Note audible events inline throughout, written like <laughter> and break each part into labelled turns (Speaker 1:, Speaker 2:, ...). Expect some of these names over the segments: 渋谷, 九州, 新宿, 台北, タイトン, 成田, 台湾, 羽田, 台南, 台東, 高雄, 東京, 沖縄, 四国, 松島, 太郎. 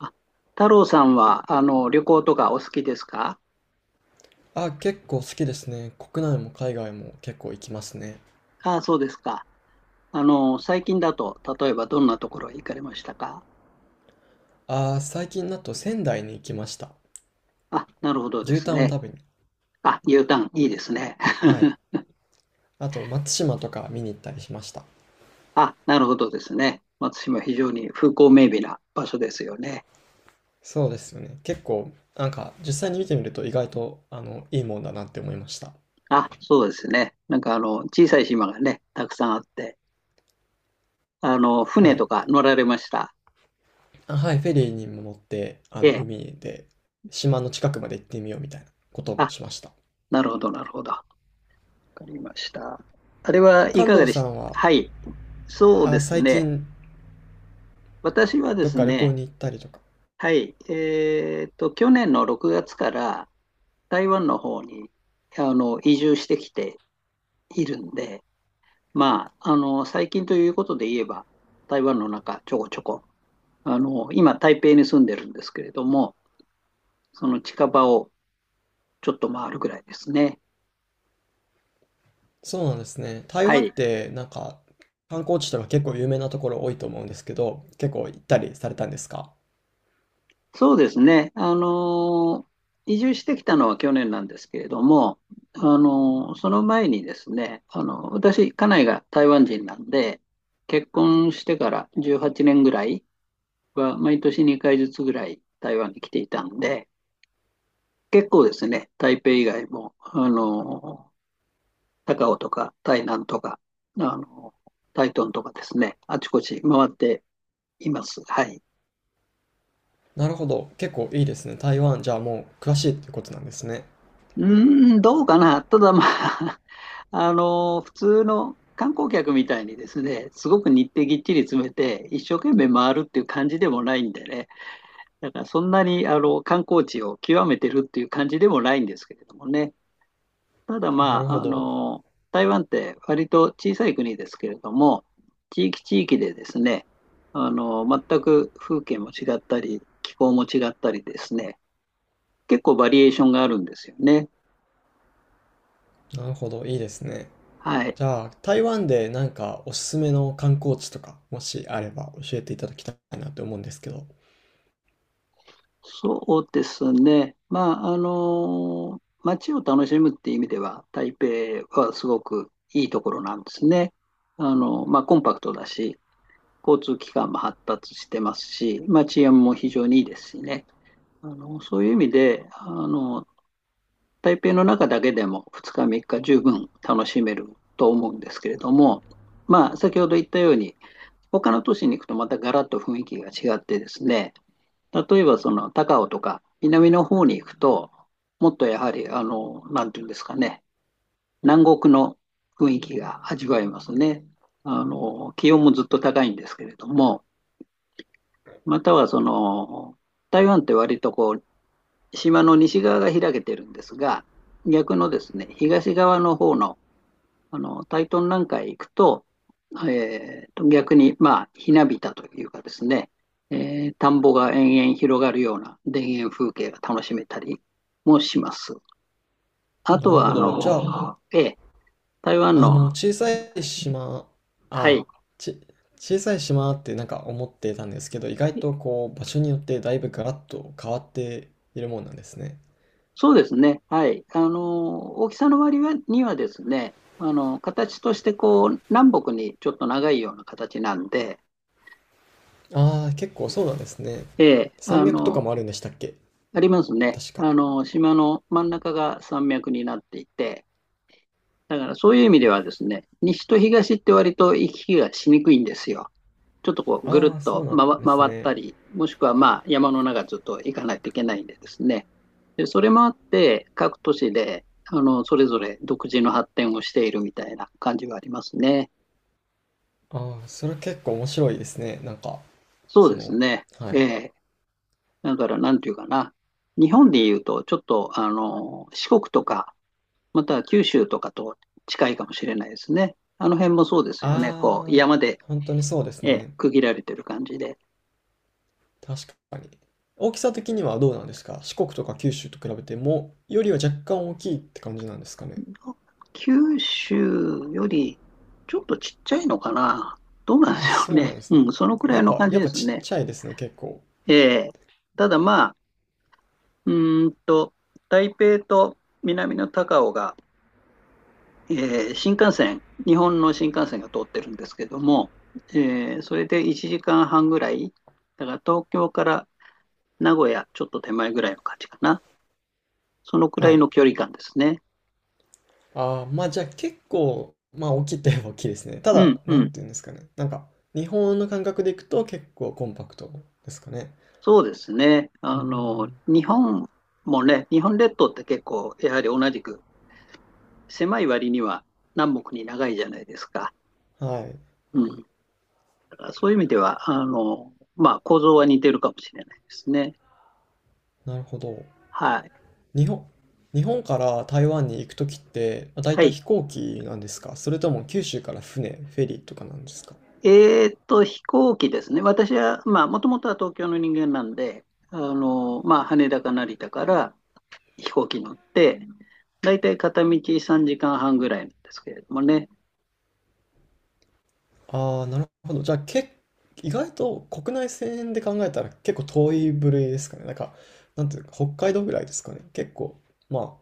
Speaker 1: あ太郎さんは、旅行とかお好きですか？
Speaker 2: あ、結構好きですね。国内も海外も結構行きますね。
Speaker 1: ああ、そうですか。最近だと、例えばどんなところへ行かれましたか？
Speaker 2: あ、最近だと仙台に行きました。
Speaker 1: あ、なるほどで
Speaker 2: 牛
Speaker 1: す
Speaker 2: タンを
Speaker 1: ね。
Speaker 2: 食べに。
Speaker 1: あ、U ターン、いいですね。
Speaker 2: はい。
Speaker 1: <laughs>
Speaker 2: あと松島とか見に行ったりしました。
Speaker 1: あ、なるほどですね。松島、非常に風光明媚な場所ですよね。
Speaker 2: そうですよね。結構、なんか実際に見てみると意外と、いいもんだなって思いました。
Speaker 1: あ、そうですね。なんか、小さい島がね、たくさんあって、
Speaker 2: は
Speaker 1: 船
Speaker 2: い。
Speaker 1: とか乗られました。
Speaker 2: あ、はい、フェリーにも乗って、
Speaker 1: ええ。
Speaker 2: 海で島の近くまで行ってみようみたいなことも
Speaker 1: あ、
Speaker 2: しました。
Speaker 1: なるほど、なるほど。わかりました。あれはい
Speaker 2: 関
Speaker 1: かが
Speaker 2: 東
Speaker 1: で
Speaker 2: さ
Speaker 1: した？
Speaker 2: んは、
Speaker 1: はい。そうで
Speaker 2: あ、
Speaker 1: す
Speaker 2: 最
Speaker 1: ね。
Speaker 2: 近
Speaker 1: 私はで
Speaker 2: どっ
Speaker 1: す
Speaker 2: か旅行
Speaker 1: ね、
Speaker 2: に行ったりとか。
Speaker 1: はい、去年の6月から台湾の方に移住してきているんで、まあ、最近ということで言えば、台湾の中、ちょこちょこ、今、台北に住んでるんですけれども、その近場をちょっと回るぐらいですね。
Speaker 2: そうなんですね。台
Speaker 1: は
Speaker 2: 湾
Speaker 1: い。
Speaker 2: ってなんか観光地とか結構有名なところ多いと思うんですけど、結構行ったりされたんですか？
Speaker 1: そうですね。移住してきたのは去年なんですけれども、その前にですね、私、家内が台湾人なんで、結婚してから18年ぐらいは、毎年2回ずつぐらい台湾に来ていたんで、結構ですね、台北以外も、高雄とか台南とか、あのー台東とかですね、あちこち回っています。はい。
Speaker 2: なるほど。結構いいですね。台湾、じゃあもう詳しいってことなんですね。
Speaker 1: うーん、どうかな。ただまあ、<laughs> 普通の観光客みたいにですね、すごく日程ぎっちり詰めて、一生懸命回るっていう感じでもないんでね、だからそんなに観光地を極めてるっていう感じでもないんですけれどもね、ただ
Speaker 2: な
Speaker 1: ま
Speaker 2: るほ
Speaker 1: あ、
Speaker 2: ど。
Speaker 1: 台湾って割と小さい国ですけれども、地域地域でですね、全く風景も違ったり、気候も違ったりですね、結構バリエーションがあるんですよね。
Speaker 2: なるほど。いいですね。
Speaker 1: はい。
Speaker 2: じゃあ、台湾でなんかおすすめの観光地とか、もしあれば教えていただきたいなって思うんですけど。
Speaker 1: そうですね。まあ、街を楽しむっていう意味では、台北はすごくいいところなんですね。まあ、コンパクトだし、交通機関も発達してますし、まあ、治安も非常にいいですしね。そういう意味で、台北の中だけでも2日3日十分楽しめると思うんですけれども、まあ、先ほど言ったように、他の都市に行くとまたガラッと雰囲気が違ってですね、例えばその高尾とか南の方に行くと、もっとやはり、なんていうんですかね、南国の雰囲気が味わえますね。気温もずっと高いんですけれども、またはその、台湾って割とこう、島の西側が開けてるんですが、逆のですね、東側の方のタイトンなんかへ行くと、逆に、まあ、ひなびたというかですね、田んぼが延々広がるような田園風景が楽しめたりもします。あと
Speaker 2: なるほ
Speaker 1: は、
Speaker 2: ど。じゃあ、
Speaker 1: ええ、台湾
Speaker 2: あの、
Speaker 1: の、
Speaker 2: 小さい島、
Speaker 1: は
Speaker 2: あ、
Speaker 1: い、
Speaker 2: ち、小さい島ってなんか思ってたんですけど、意外とこう、場所によってだいぶガラッと変わっているもんなんですね。
Speaker 1: そうですね、はい、大きさの割にはですね、形としてこう、南北にちょっと長いような形なんで、
Speaker 2: ああ、結構そうなんですね。
Speaker 1: ええ、
Speaker 2: 山脈とかもあるんでしたっけ？
Speaker 1: ありますね。
Speaker 2: 確か。
Speaker 1: 島の真ん中が山脈になっていて、だからそういう意味ではですね、西と東って割と行き来がしにくいんですよ。ちょっとこうぐる
Speaker 2: ああ、
Speaker 1: っ
Speaker 2: そ
Speaker 1: と
Speaker 2: うなん
Speaker 1: 回
Speaker 2: です
Speaker 1: 回っ
Speaker 2: ね。
Speaker 1: たり、もしくはまあ山の中ずっと行かないといけないんでですね。で、それもあって各都市でそれぞれ独自の発展をしているみたいな感じはありますね。
Speaker 2: ああ、それ結構面白いですね。なんか、
Speaker 1: そう
Speaker 2: そ
Speaker 1: です
Speaker 2: の、
Speaker 1: ね。
Speaker 2: は
Speaker 1: え
Speaker 2: い。
Speaker 1: え。だからなんていうかな。日本でいうとちょっと四国とか、または九州とかと近いかもしれないですね。あの辺もそうですよね。こう
Speaker 2: あ
Speaker 1: 山で、
Speaker 2: あ、本当にそうです
Speaker 1: ええ、
Speaker 2: ね。
Speaker 1: 区切られてる感じで。
Speaker 2: 確かに。大きさ的にはどうなんですか？四国とか九州と比べても、よりは若干大きいって感じなんですかね？
Speaker 1: 九州よりちょっとちっちゃいのかな。どうなんでし
Speaker 2: あ、
Speaker 1: ょう
Speaker 2: そうな
Speaker 1: ね。
Speaker 2: んです
Speaker 1: うん、
Speaker 2: ね。
Speaker 1: そのくら
Speaker 2: や
Speaker 1: い
Speaker 2: っ
Speaker 1: の
Speaker 2: ぱ、
Speaker 1: 感じ
Speaker 2: やっ
Speaker 1: で
Speaker 2: ぱ
Speaker 1: す
Speaker 2: ちっ
Speaker 1: ね。
Speaker 2: ちゃいですね、結構。
Speaker 1: ええ。ただまあ、うーんと、台北と南の高雄が、ええ、新幹線、日本の新幹線が通ってるんですけども、ええ、それで1時間半ぐらい、だから東京から名古屋ちょっと手前ぐらいの感じかな。そのくら
Speaker 2: は
Speaker 1: い
Speaker 2: い。
Speaker 1: の距離感ですね。
Speaker 2: まあじゃあ結構、まあ大きいって言えば大きいですね。た
Speaker 1: うん、
Speaker 2: だ、
Speaker 1: う
Speaker 2: なん
Speaker 1: ん。
Speaker 2: て言うんですかね。なんか、日本の感覚でいくと結構コンパクトですかね。
Speaker 1: そうですね。
Speaker 2: うーん。
Speaker 1: 日本もね、日本列島って結構、やはり同じく狭い割には南北に長いじゃないですか。
Speaker 2: はい。
Speaker 1: うん。だからそういう意味では、まあ、構造は似てるかもしれないですね。
Speaker 2: なるほど。
Speaker 1: はい。
Speaker 2: 日本、日本から台湾に行くときって、だい
Speaker 1: は
Speaker 2: たい
Speaker 1: い。
Speaker 2: 飛行機なんですか？それとも九州から船、フェリーとかなんですか？
Speaker 1: 飛行機ですね。私は、まあ、もともとは東京の人間なんで、まあ、羽田か成田から飛行機乗って、だいたい片道3時間半ぐらいなんですけれどもね。
Speaker 2: ああ、なるほど。じゃあ、意外と国内線で考えたら結構遠い部類ですかね？なんか、なんていうか、北海道ぐらいですかね。結構、ま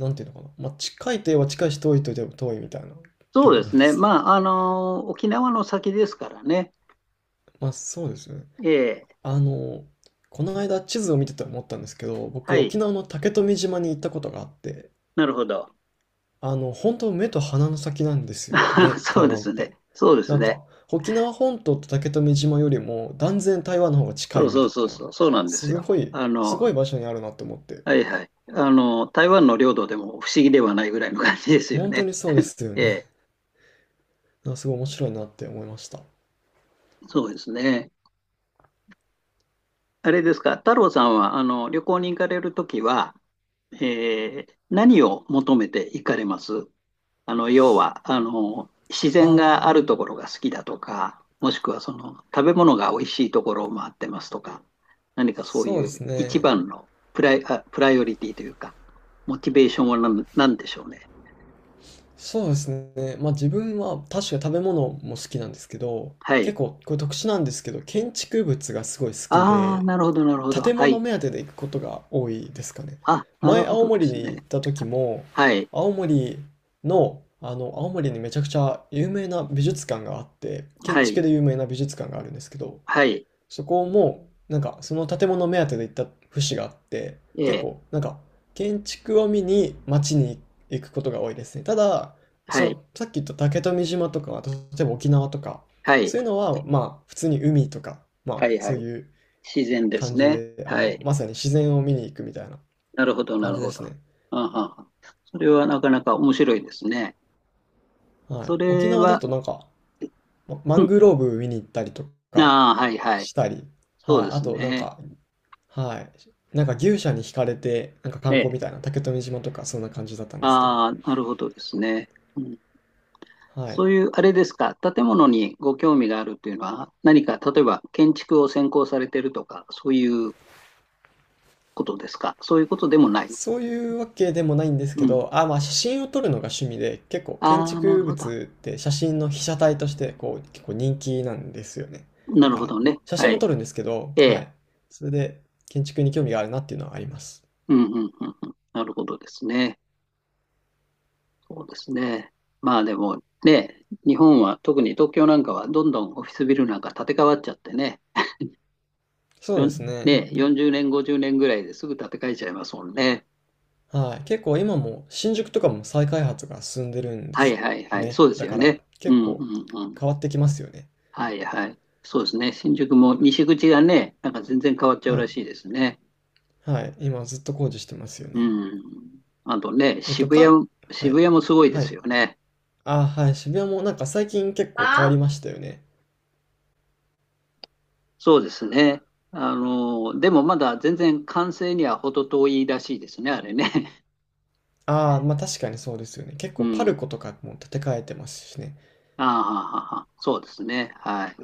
Speaker 2: あ、なんていうのかな。まあ、近いといえば近いし、遠いといえば遠いみたいな
Speaker 1: そ
Speaker 2: 距
Speaker 1: う
Speaker 2: 離
Speaker 1: で
Speaker 2: な
Speaker 1: す
Speaker 2: んで
Speaker 1: ね。
Speaker 2: すね。
Speaker 1: まあ、沖縄の先ですからね。
Speaker 2: <laughs> まあ、そうですね。
Speaker 1: ええ、
Speaker 2: あの、この間地図を見てて思ったんですけど、
Speaker 1: は
Speaker 2: 僕、
Speaker 1: い。
Speaker 2: 沖縄の竹富島に行ったことがあって、
Speaker 1: なるほど。
Speaker 2: 本当目と鼻の先なんですよ
Speaker 1: <laughs>
Speaker 2: ね、
Speaker 1: そ
Speaker 2: 台
Speaker 1: うで
Speaker 2: 湾っ
Speaker 1: すね。
Speaker 2: て。
Speaker 1: そうです
Speaker 2: なん
Speaker 1: ね。
Speaker 2: か、沖縄本島と竹富島よりも断然台湾の方が近
Speaker 1: そ
Speaker 2: い
Speaker 1: う
Speaker 2: み
Speaker 1: そ
Speaker 2: た
Speaker 1: うそう
Speaker 2: いな。
Speaker 1: そう。そうなんです
Speaker 2: す
Speaker 1: よ。
Speaker 2: ごい、すごい場所にあるなって思って。
Speaker 1: はいはい。台湾の領土でも不思議ではないぐらいの感じですよ
Speaker 2: 本当
Speaker 1: ね。
Speaker 2: にそうですよ
Speaker 1: え
Speaker 2: ね。
Speaker 1: え、
Speaker 2: なんかすごい面白いなって思いました。
Speaker 1: そうですね。あれですか、太郎さんは、旅行に行かれるときは、ええ、何を求めて行かれます？要は、自
Speaker 2: あ
Speaker 1: 然があ
Speaker 2: ー、
Speaker 1: るところが好きだとか、もしくはその食べ物が美味しいところを回ってますとか、何かそう
Speaker 2: そうで
Speaker 1: いう
Speaker 2: す
Speaker 1: 一
Speaker 2: ね。
Speaker 1: 番のプライオリティというか、モチベーションはなんでしょうね。
Speaker 2: そうですね。まあ自分は確か食べ物も好きなんですけど、
Speaker 1: はい。
Speaker 2: 結構これ特殊なんですけど、建築物がすごい好き
Speaker 1: ああ、
Speaker 2: で、
Speaker 1: なるほど、なるほど。
Speaker 2: 建
Speaker 1: は
Speaker 2: 物
Speaker 1: い。
Speaker 2: 目当てで行くことが多いですかね。
Speaker 1: あ、なる
Speaker 2: 前、
Speaker 1: ほ
Speaker 2: 青
Speaker 1: どで
Speaker 2: 森
Speaker 1: す
Speaker 2: に行っ
Speaker 1: ね。
Speaker 2: た時も、
Speaker 1: はい。
Speaker 2: 青森の、あの、青森にめちゃくちゃ有名な美術館があって、建
Speaker 1: はい。
Speaker 2: 築で有名な美術館があるんですけど、
Speaker 1: はい。
Speaker 2: そこも、なんか、その建物目当てで行った節があって、
Speaker 1: え
Speaker 2: 結
Speaker 1: え。
Speaker 2: 構、なんか、建築を見に街に行くことが多いですね。ただ、
Speaker 1: は
Speaker 2: そ
Speaker 1: い。
Speaker 2: う、さっき言った竹富島とか、例えば沖縄とか、
Speaker 1: はい。
Speaker 2: そういうのは、まあ、普通に海とか、ま
Speaker 1: は
Speaker 2: あ、
Speaker 1: い。は
Speaker 2: そう
Speaker 1: い。
Speaker 2: いう
Speaker 1: 自然です
Speaker 2: 感じ
Speaker 1: ね。
Speaker 2: で、
Speaker 1: はい。
Speaker 2: まさに自然を見に行くみたいな
Speaker 1: なるほど、な
Speaker 2: 感
Speaker 1: る
Speaker 2: じで
Speaker 1: ほ
Speaker 2: す
Speaker 1: ど。あ
Speaker 2: ね。
Speaker 1: あ、それはなかなか面白いですね。
Speaker 2: はい。
Speaker 1: そ
Speaker 2: 沖
Speaker 1: れ
Speaker 2: 縄だ
Speaker 1: は、
Speaker 2: となんか、マ
Speaker 1: う
Speaker 2: ン
Speaker 1: ん。
Speaker 2: グローブ見に行ったりとか
Speaker 1: ああ、はいはい。
Speaker 2: したり、
Speaker 1: そ
Speaker 2: は
Speaker 1: う
Speaker 2: い。
Speaker 1: で
Speaker 2: あ
Speaker 1: す
Speaker 2: となん
Speaker 1: ね。
Speaker 2: か、はい。なんか牛舎に惹かれて、なんか
Speaker 1: え
Speaker 2: 観光
Speaker 1: え。
Speaker 2: みたいな、竹富島とかそんな感じだったんですけど、
Speaker 1: ああ、なるほどですね。うん。
Speaker 2: はい。
Speaker 1: そういう、あれですか、建物にご興味があるっていうのは、何か、例えば建築を専攻されてるとか、そういうことですか。そういうことでもない。
Speaker 2: そういうわけでもないんです
Speaker 1: う
Speaker 2: け
Speaker 1: ん。
Speaker 2: ど、あ、まあ写真を撮るのが趣味で、結構建
Speaker 1: ああ、な
Speaker 2: 築
Speaker 1: るほど。
Speaker 2: 物って写真の被写体としてこう結構人気なんですよね。
Speaker 1: な
Speaker 2: だ
Speaker 1: る
Speaker 2: か
Speaker 1: ほ
Speaker 2: ら
Speaker 1: どね。
Speaker 2: 写
Speaker 1: は
Speaker 2: 真も
Speaker 1: い。
Speaker 2: 撮るんですけど、
Speaker 1: え
Speaker 2: は
Speaker 1: え。
Speaker 2: い。それで建築に興味があるなっていうのはあります。
Speaker 1: うん、うん、うん、うん。なるほどですね。そうですね。まあでもね、日本は特に東京なんかはどんどんオフィスビルなんか建て替わっちゃってね、
Speaker 2: そうですね。
Speaker 1: ね、40年、50年ぐらいですぐ建て替えちゃいますもんね。
Speaker 2: はい。結構今も新宿とかも再開発が進んでるんで
Speaker 1: はい
Speaker 2: す
Speaker 1: はい
Speaker 2: よ
Speaker 1: はい。
Speaker 2: ね。
Speaker 1: そうです
Speaker 2: だ
Speaker 1: よ
Speaker 2: から
Speaker 1: ね。う
Speaker 2: 結
Speaker 1: んう
Speaker 2: 構
Speaker 1: んうん。
Speaker 2: 変わってきますよね。
Speaker 1: はいはい。そうですね。新宿も西口がね、なんか全然変わっちゃう
Speaker 2: は
Speaker 1: ら
Speaker 2: い。
Speaker 1: しいですね。
Speaker 2: はい。今ずっと工事してますよ
Speaker 1: う
Speaker 2: ね。
Speaker 1: ん。あとね、
Speaker 2: えっと、
Speaker 1: 渋
Speaker 2: かん、
Speaker 1: 谷、
Speaker 2: は
Speaker 1: 渋
Speaker 2: い。
Speaker 1: 谷もすごいで
Speaker 2: はい。
Speaker 1: すよね。
Speaker 2: ああ、はい、渋谷もなんか最近結構変わ
Speaker 1: あ、
Speaker 2: りましたよね。
Speaker 1: そうですね。でもまだ全然完成には程遠いらしいですね、あれね。
Speaker 2: ああ、まあ確かにそうですよね。結
Speaker 1: <laughs> う
Speaker 2: 構パル
Speaker 1: ん。
Speaker 2: コとかも建て替えてますしね。
Speaker 1: ああ、はあはあはあ、そうですね。はい。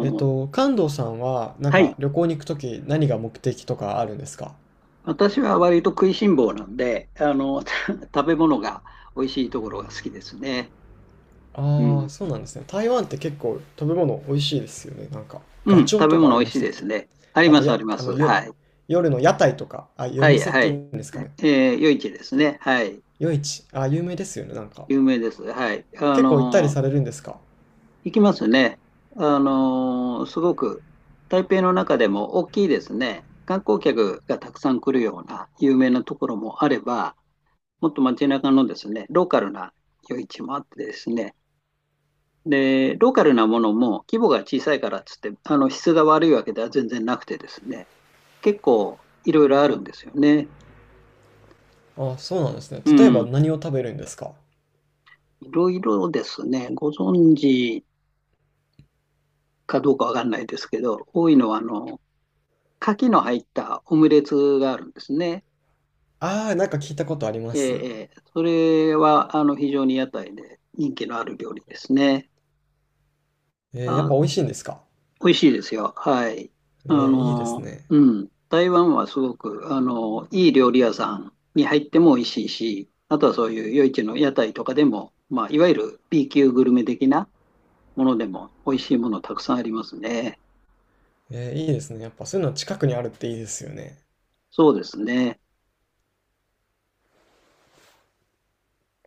Speaker 1: う、
Speaker 2: 関東さんはなん
Speaker 1: は
Speaker 2: か
Speaker 1: い。
Speaker 2: 旅行に行くとき何が目的とかあるんですか？
Speaker 1: 私は割と食いしん坊なんで、<laughs> 食べ物が美味しいところが好きですね。う
Speaker 2: ああ、そう
Speaker 1: ん。
Speaker 2: なんですね。台湾って結構食べ物美味しいですよね。なんか、
Speaker 1: う
Speaker 2: ガ
Speaker 1: ん、
Speaker 2: チョウ
Speaker 1: 食べ
Speaker 2: とかあ
Speaker 1: 物
Speaker 2: り
Speaker 1: 美
Speaker 2: ま
Speaker 1: 味し
Speaker 2: し
Speaker 1: い
Speaker 2: たっ
Speaker 1: で
Speaker 2: け？
Speaker 1: すね。あり
Speaker 2: あ
Speaker 1: ま
Speaker 2: と、
Speaker 1: す、あ
Speaker 2: や、
Speaker 1: りま
Speaker 2: あの、
Speaker 1: す。
Speaker 2: よ、
Speaker 1: はい。
Speaker 2: 夜の屋台とか、あ、夜
Speaker 1: はい、
Speaker 2: 店っ
Speaker 1: は
Speaker 2: ていう
Speaker 1: い。
Speaker 2: んですかね。
Speaker 1: 夜市です
Speaker 2: け、
Speaker 1: ね。はい。
Speaker 2: 夜市。あ、有名ですよね。なんか。
Speaker 1: 有名です。はい。
Speaker 2: 結構行ったりされるんですか？
Speaker 1: 行きますね。すごく、台北の中でも大きいですね。観光客がたくさん来るような有名なところもあれば、もっと街中のですね、ローカルな夜市もあってですね、で、ローカルなものも規模が小さいからっつって、質が悪いわけでは全然なくてですね、結構いろいろあるんですよね。
Speaker 2: ああ、そうなんですね。
Speaker 1: う
Speaker 2: 例えば
Speaker 1: ん。
Speaker 2: 何を食べるんですか？
Speaker 1: いろいろですね、ご存知かどうかわかんないですけど、多いのは牡蠣の入ったオムレツがあるんですね。
Speaker 2: ああ、なんか聞いたことありま
Speaker 1: え
Speaker 2: す。
Speaker 1: え、それは非常に屋台で人気のある料理ですね。う
Speaker 2: やっ
Speaker 1: あ
Speaker 2: ぱ美味しいんですか？
Speaker 1: 美味しいですよ。はい。
Speaker 2: いいですね。
Speaker 1: うん。台湾はすごく、いい料理屋さんに入っても美味しいし、あとはそういう夜市の屋台とかでも、まあ、いわゆる B 級グルメ的なものでも美味しいものたくさんありますね。
Speaker 2: いいですね。やっぱそういうの近くにあるっていいですよね。
Speaker 1: そうですね。